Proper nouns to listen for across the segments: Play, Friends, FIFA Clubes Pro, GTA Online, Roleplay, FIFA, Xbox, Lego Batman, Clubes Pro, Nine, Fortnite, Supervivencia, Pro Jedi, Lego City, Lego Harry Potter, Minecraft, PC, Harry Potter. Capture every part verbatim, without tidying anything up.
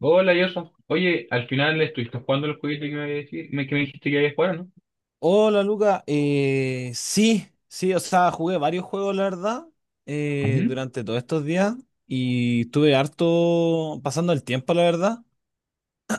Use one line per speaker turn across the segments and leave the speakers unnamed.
Hola, Yosa. Oye, al final estuviste jugando el jueguito que me, había dici- me- que me dijiste que había jugado, ¿no?
Hola Luca, Eh, sí, sí, o sea, jugué varios juegos, la verdad, eh,
Ujú.
durante todos estos días y estuve harto pasando el tiempo, la verdad,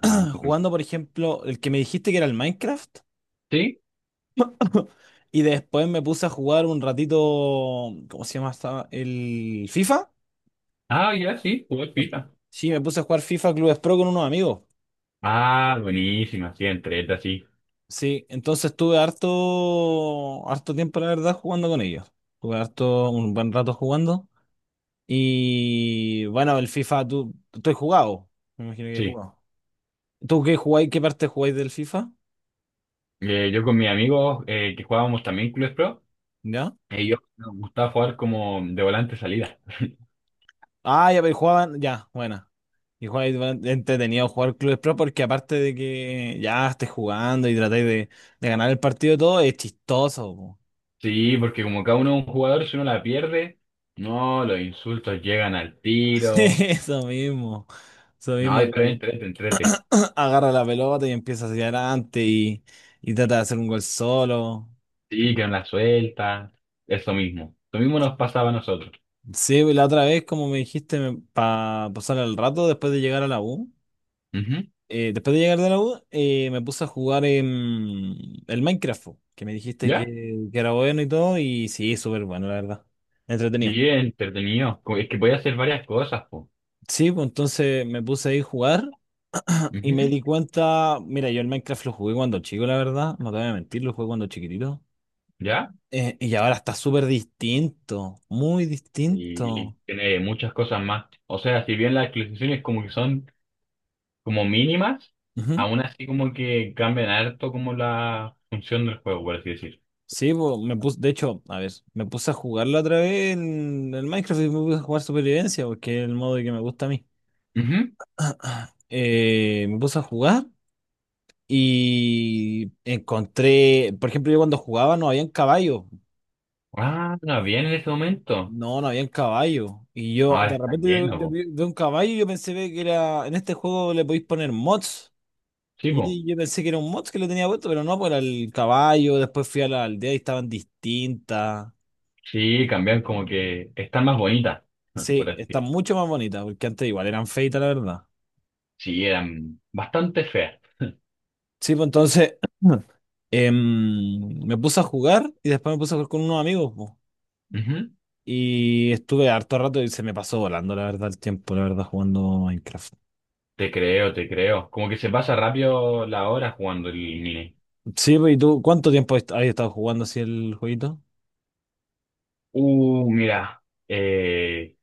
jugando, por ejemplo, el que me dijiste que era el Minecraft.
¿Sí?
Y después me puse a jugar un ratito, ¿cómo se llama esta? El FIFA.
Ah, ya, sí, jugué FIFA.
Sí, me puse a jugar FIFA Clubes Pro con unos amigos.
Ah, buenísima, sí, entreta, sí.
Sí, entonces estuve harto, harto tiempo, la verdad, jugando con ellos. Estuve harto, un buen rato jugando. Y bueno, el FIFA, tú, tú has jugado. Me imagino que has
Sí.
jugado. ¿Tú qué jugáis? ¿Qué parte jugáis del FIFA?
Eh, yo con mis amigos eh, que jugábamos también Clubes Pro,
¿Ya?
ellos nos gustaba jugar como de volante salida.
Ah, ya, pero jugaban, ya, buena. Y jugáis bueno, entretenido jugar Clubes Pro porque aparte de que ya estés jugando y tratáis de, de ganar el partido y todo, es chistoso, po.
Sí, porque como cada uno es un jugador, si uno la pierde, no, los insultos llegan al tiro.
Eso mismo. Eso
No,
mismo de
pero
que
entrete, entrete.
agarra la pelota y empieza hacia adelante y, y trata de hacer un gol solo.
Sí, que no la suelta. Eso mismo. Lo mismo nos pasaba a nosotros.
Sí, la otra vez, como me dijiste, para pasar el rato después de llegar a la U.
Ujú.
Eh, después de llegar de la U, eh, me puse a jugar en el Minecraft, po, que me dijiste que,
¿Ya?
que era bueno y todo, y sí, súper bueno, la verdad. Entretenido.
Sí, es entretenido. Co- es que puede hacer varias cosas, po.
Sí, pues entonces me puse ahí a jugar y
Ujú.
me di cuenta, mira, yo el Minecraft lo jugué cuando chico, la verdad, no te voy a mentir, lo jugué cuando chiquitito.
¿Ya?
Eh, y ahora está súper distinto, muy distinto.
Sí, tiene muchas cosas más. O sea, si bien las actualizaciones como que son como mínimas,
Ujú.
aún así como que cambian harto como la función del juego, por así decir.
Sí, pues me puse, de hecho, a ver, me puse a jugarlo otra vez en el Minecraft y me puse a jugar Supervivencia, porque es el modo que me gusta a mí.
Ujú.
Eh, me puse a jugar y encontré, por ejemplo, yo cuando jugaba no habían caballos,
Ah, no, bien en ese momento.
no, no habían caballo. Y yo,
Ahora
de
está
repente, yo,
lleno,
yo
po.
vi vi un caballo y yo pensé ve que era, en este juego le podéis poner mods.
Sí, po.
Y yo pensé que era un mods que le tenía puesto, pero no, pues era el caballo. Después fui a la aldea y estaban distintas.
Sí, cambian como que están más bonitas, por
Sí,
así
están
decir.
mucho más bonitas, porque antes igual eran feitas, la verdad.
Sí, eran bastante feas.
Sí, pues entonces em, me puse a jugar y después me puse a jugar con unos amigos, po.
Ujú.
Y estuve harto rato y se me pasó volando, la verdad, el tiempo, la verdad, jugando Minecraft.
Te creo, te creo. Como que se pasa rápido la hora jugando el Nine.
Sí, pues, ¿y tú cuánto tiempo est- has estado jugando así el jueguito?
Uh, mira, eh,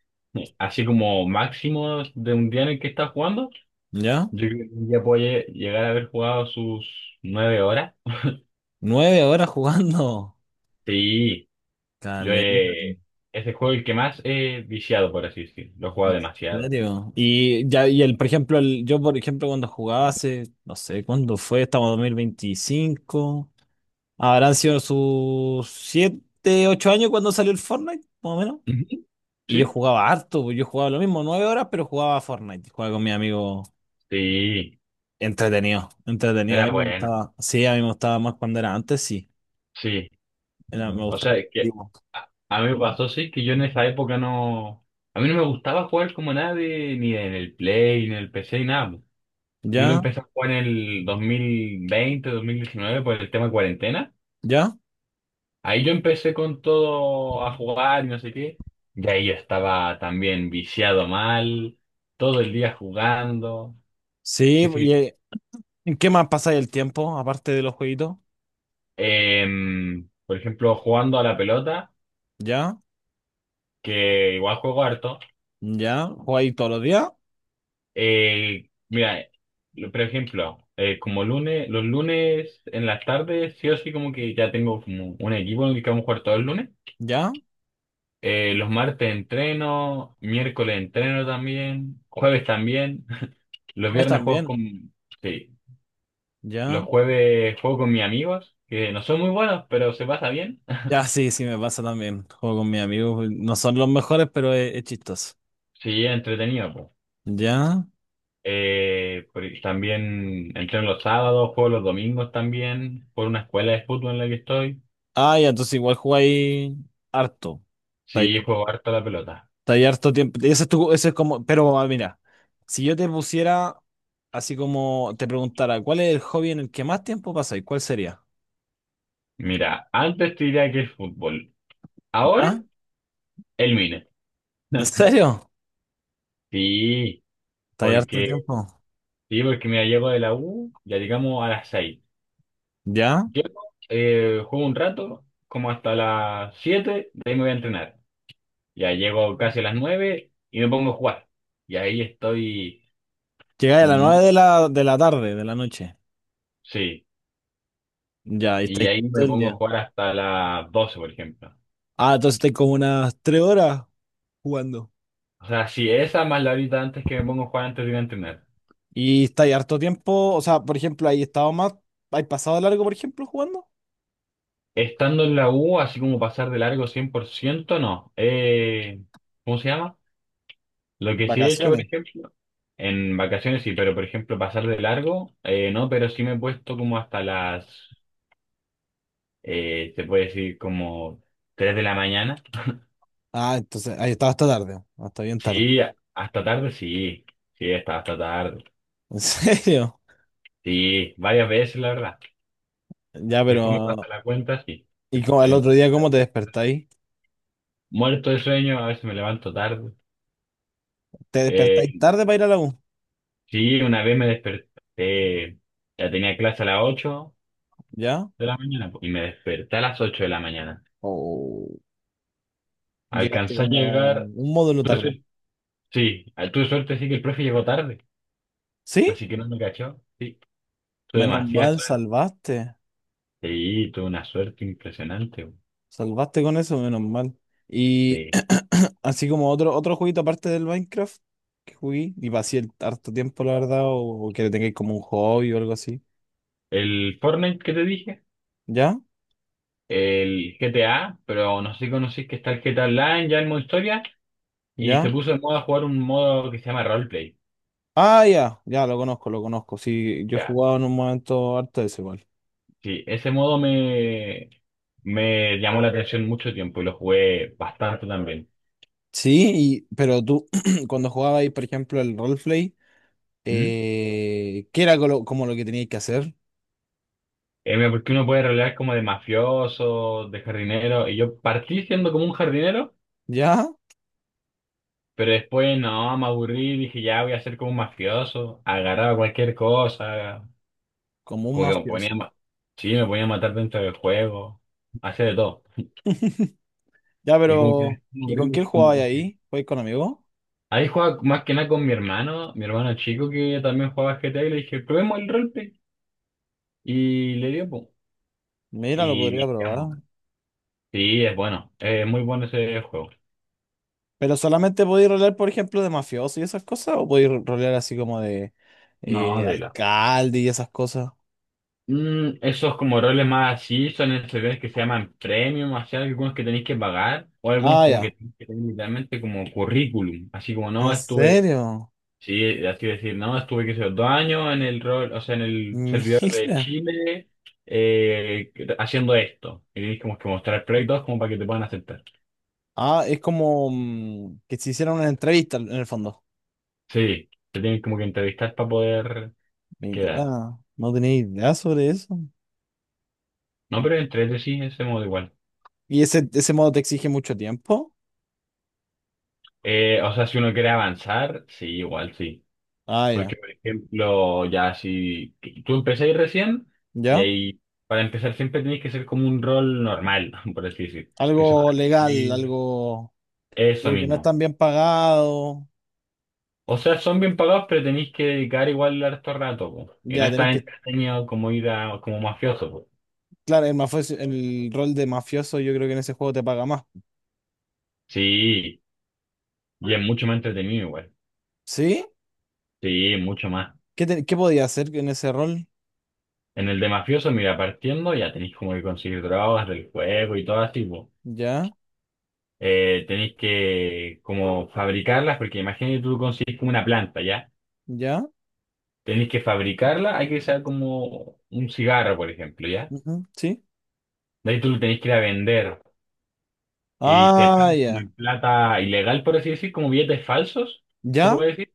así como máximo de un día en el que está jugando,
¿Ya?
yo creo que un día puede llegar a haber jugado sus nueve horas.
Nueve horas jugando.
Sí, yo
Caleta.
eh, es el juego el que más he viciado, por así decirlo. Lo he jugado
¿En
demasiado.
serio? Y ya, y el, por ejemplo, el, yo, por ejemplo, cuando jugaba hace, no sé, ¿cuándo fue? Estamos en dos mil veinticinco. Habrán sido sus siete, ocho años cuando salió el Fortnite, más o menos.
Ujú.
Y yo
¿Sí?
jugaba harto, pues yo jugaba lo mismo, nueve horas, pero jugaba Fortnite. Jugaba con mi amigo.
Sí,
Entretenido, entretenido. A mí
era
me
bueno.
gustaba, sí, a mí me gustaba más cuando era antes, sí.
Sí,
Era, me Mm.
o
gustaba.
sea, es que
Antiguo.
a, a mí me pasó, sí, que yo en esa época no... A mí no me gustaba jugar como nadie, ni en el Play, ni en el P C, ni nada. Yo lo
¿Ya?
empecé a jugar en el dos mil veinte, dos mil diecinueve por el tema cuarentena.
¿Ya?
Ahí yo empecé con todo a jugar y no sé qué. Y ahí yo estaba también viciado mal, todo el día jugando.
Sí,
Que
y,
sí.
eh, ¿en qué más pasa el tiempo aparte de los jueguitos?
Em, por ejemplo, jugando a la pelota,
¿Ya?
que igual juego harto.
¿Ya? ¿Jugáis todos los días?
Eh, mira, lo- por ejemplo, eh, como lunes, los lunes en las tardes, sí o sí como que ya tengo como un equipo en el que vamos a jugar todos los lunes.
¿Ya?
Eh, los martes entreno, miércoles entreno también, jueves también. Los
¿Juegas
viernes juego
también?
con... Sí,
¿Ya?
los jueves juego con mis amigos, que no son muy buenos, pero se pasa bien.
Ya, sí, sí, me pasa también. Juego con mis amigos, no son los mejores, pero es, es chistoso.
Sí, es entretenido, pues.
¿Ya?
Eh, por- también entreno los sábados, juego los domingos también, por una escuela de fútbol en la que estoy.
Ah, ya, entonces igual jugáis harto.
Sí, juego harto a la pelota.
Está ahí harto tiempo. Ese es tu- ese es como, pero ah, mira, si yo te pusiera, así como te preguntara, ¿cuál es el hobby en el que más tiempo pasáis? ¿Cuál sería?
Mira, antes te diría que el fútbol, ahora
¿Ya?
el mine.
¿En serio?
Sí,
Está ahí harto
porque,
tiempo.
sí, porque mira, llego de la U, ya llegamos a las seis.
¿Ya?
Yo eh, juego un rato, como hasta las siete, de ahí me voy a entrenar. Ya llego casi a las nueve y me pongo a jugar. Y ahí estoy
Llegáis a las nueve
mucho,
de la, de la tarde, de la noche.
sí.
Ya, y
Y
estáis
ahí
todo
me
el
pongo a
día.
jugar hasta las doce, por ejemplo.
Ah, entonces estáis como unas tres horas jugando.
O sea, sí, esa más la horita antes que me pongo a jugar antes de ir a entrenar.
¿Y estáis harto tiempo? O sea, por ejemplo, ¿hay estado más, hay pasado largo, por ejemplo, jugando?
Estando en la U, así como pasar de largo cien por ciento no. Eh, ¿cómo se llama? Lo que sí he hecho, por
Vacaciones.
ejemplo, en vacaciones sí, pero por ejemplo pasar de largo, eh, no, pero sí me he puesto como hasta las Eh, te puedes ir como tres de la mañana.
Ah, entonces, ahí estaba hasta tarde, hasta bien tarde.
Sí, hasta tarde, sí. Sí, hasta, hasta tarde.
¿En serio?
Sí, varias veces, la verdad.
Ya,
Que después me
pero.
pasa la cuenta, sí.
¿Y
Que-
cómo- el
el-
otro día cómo te despertáis?
muerto de sueño, a veces me levanto tarde.
¿Te despertáis
Eh,
tarde para ir a la U?
sí, una vez me desperté, ya tenía clase a las ocho
¿Ya?
de la mañana po, y me desperté a las ocho de la mañana.
¿O llegaste
Alcancé a
como
llegar,
un módulo
tuve
tarde?
suerte, sí, tuve suerte, sí, que el profe llegó tarde,
¿Sí?
así que no me cachó, sí, tuve
Menos
demasiado.
mal, salvaste.
Sí, tuve una suerte impresionante, güey.
Salvaste con eso, menos mal. Y
Sí.
así como otro, otro jueguito aparte del Minecraft que jugué y pasé el harto tiempo, la verdad, o, o que le tengáis como un hobby o algo así.
El Fortnite que te dije,
¿Ya?
el G T A, pero no sé si conocís que está el G T A Online ya en modo historia y se
¿Ya?
puso de moda jugar un modo que se llama Roleplay.
Ah, ya, ya, lo conozco, lo conozco. Sí, yo he
Ya,
jugado en un momento harto de ese, igual.
sí, ese modo me, me llamó la atención mucho tiempo y lo jugué bastante también.
Sí, y, pero tú, cuando jugabas ahí, por ejemplo, el roleplay,
¿Mm?
eh, ¿qué era colo- como, lo que tenías que hacer?
Eh, porque uno puede rolear como de mafioso, de jardinero, y yo partí siendo como un jardinero.
¿Ya?
Pero después no, me aburrí, dije ya voy a ser como un mafioso, agarraba cualquier cosa.
Como un
Como que me ponía a
mafioso.
ma- sí, me ponía a matar dentro del juego. Hacía de todo.
Ya,
Y como que es
pero ¿y con quién
horrible, como
jugabas
que...
ahí? ¿Jugabas con amigos?
Ahí jugaba más que nada con mi hermano, mi hermano chico que también jugaba G T A y le dije, probemos el roleplay. Y le dio, po.
Mira, lo
Y
podría
viciamos.
probar.
Sí, es bueno. Es muy bueno ese juego.
¿Pero solamente podías rolear, por ejemplo, de mafioso y esas cosas? ¿O podías ro- rolear así como de
No,
eh,
de la.
alcalde y esas cosas?
Mm, esos como roles más así son en servidores que se llaman premium, así hay algunos que tenéis que pagar, o algunos
Ah,
como que
ya.
tenéis que tener literalmente como currículum, así como no,
¿En
estuve.
serio?
Sí, así decir, no, estuve que sé, dos años en el rol, o sea, en el servidor de
Mira.
Chile eh, haciendo esto. Y tienes como que mostrar proyectos como para que te puedan aceptar.
Ah, es como mm, que se hicieron una entrevista en el fondo.
Sí, te tienen como que entrevistar para poder quedar.
Mira, no tenía idea sobre eso.
No, pero entre sí, ese modo igual.
¿Y ese, ese modo te exige mucho tiempo?
Eh, o sea, si uno quiere avanzar, sí, igual sí.
Ah, ya.
Porque, por ejemplo, ya si tú empezáis recién, y
¿Ya?
ahí para empezar siempre tenéis que ser como un rol normal, por así decir. Que se
Algo
ojalá-
legal, algo,
eso
algo que no es
mismo.
tan bien pagado.
O sea, son bien pagados, pero tenéis que dedicar igual harto rato, po. Y no
Ya,
es
tenéis
tan
que...
entretenido como ir a, como mafioso, po.
Claro, el mafioso, el rol de mafioso yo creo que en ese juego te paga más.
Sí, y es mucho más entretenido igual.
¿Sí?
Sí, mucho más.
¿Qué, te- qué podía hacer en ese rol?
En el de mafioso, mira, partiendo ya tenéis como que conseguir drogas del juego y todo así, po.
¿Ya?
Eh, tenéis que como fabricarlas, porque imagínate tú consigues como una planta, ¿ya?
¿Ya?
Tenéis que fabricarla, hay que usar como un cigarro, por ejemplo, ¿ya?
Ujú, ¿sí?
De ahí tú lo tenéis que ir a vender. Y te
Ah,
pagan como
ya.
en plata ilegal, por así decir, como billetes falsos, se
¿Ya?
puede decir.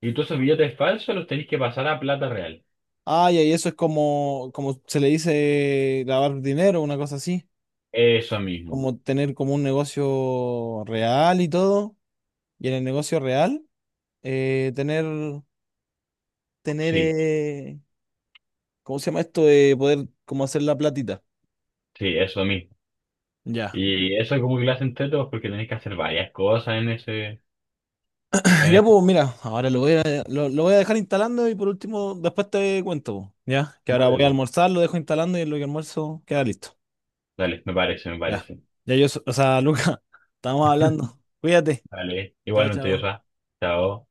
Y todos esos billetes falsos los tenéis que pasar a plata real.
Ah, ya, y eso es como, como se le dice lavar dinero, una cosa así.
Eso mismo.
Como tener como un negocio real y todo, y en el negocio real, eh, tener, tener,
Sí,
eh, ¿cómo se llama esto? De poder como hacer la platita.
sí, eso mismo.
Ya.
Y eso es como que lo hacen tetos porque tenéis que hacer varias cosas en ese, en
Ya,
ese.
pues mira, ahora lo voy a, lo, lo voy a dejar instalando y por último, después te cuento, po, ¿ya? Que ahora
Vale,
voy a
pues.
almorzar, lo dejo instalando y en lo que almuerzo queda listo.
Dale, me parece, me
Ya.
parece.
Ya yo, so- o sea, Luca, estamos hablando. Cuídate.
Dale,
Chao,
igualmente yo,
chao.
Sa. Chao.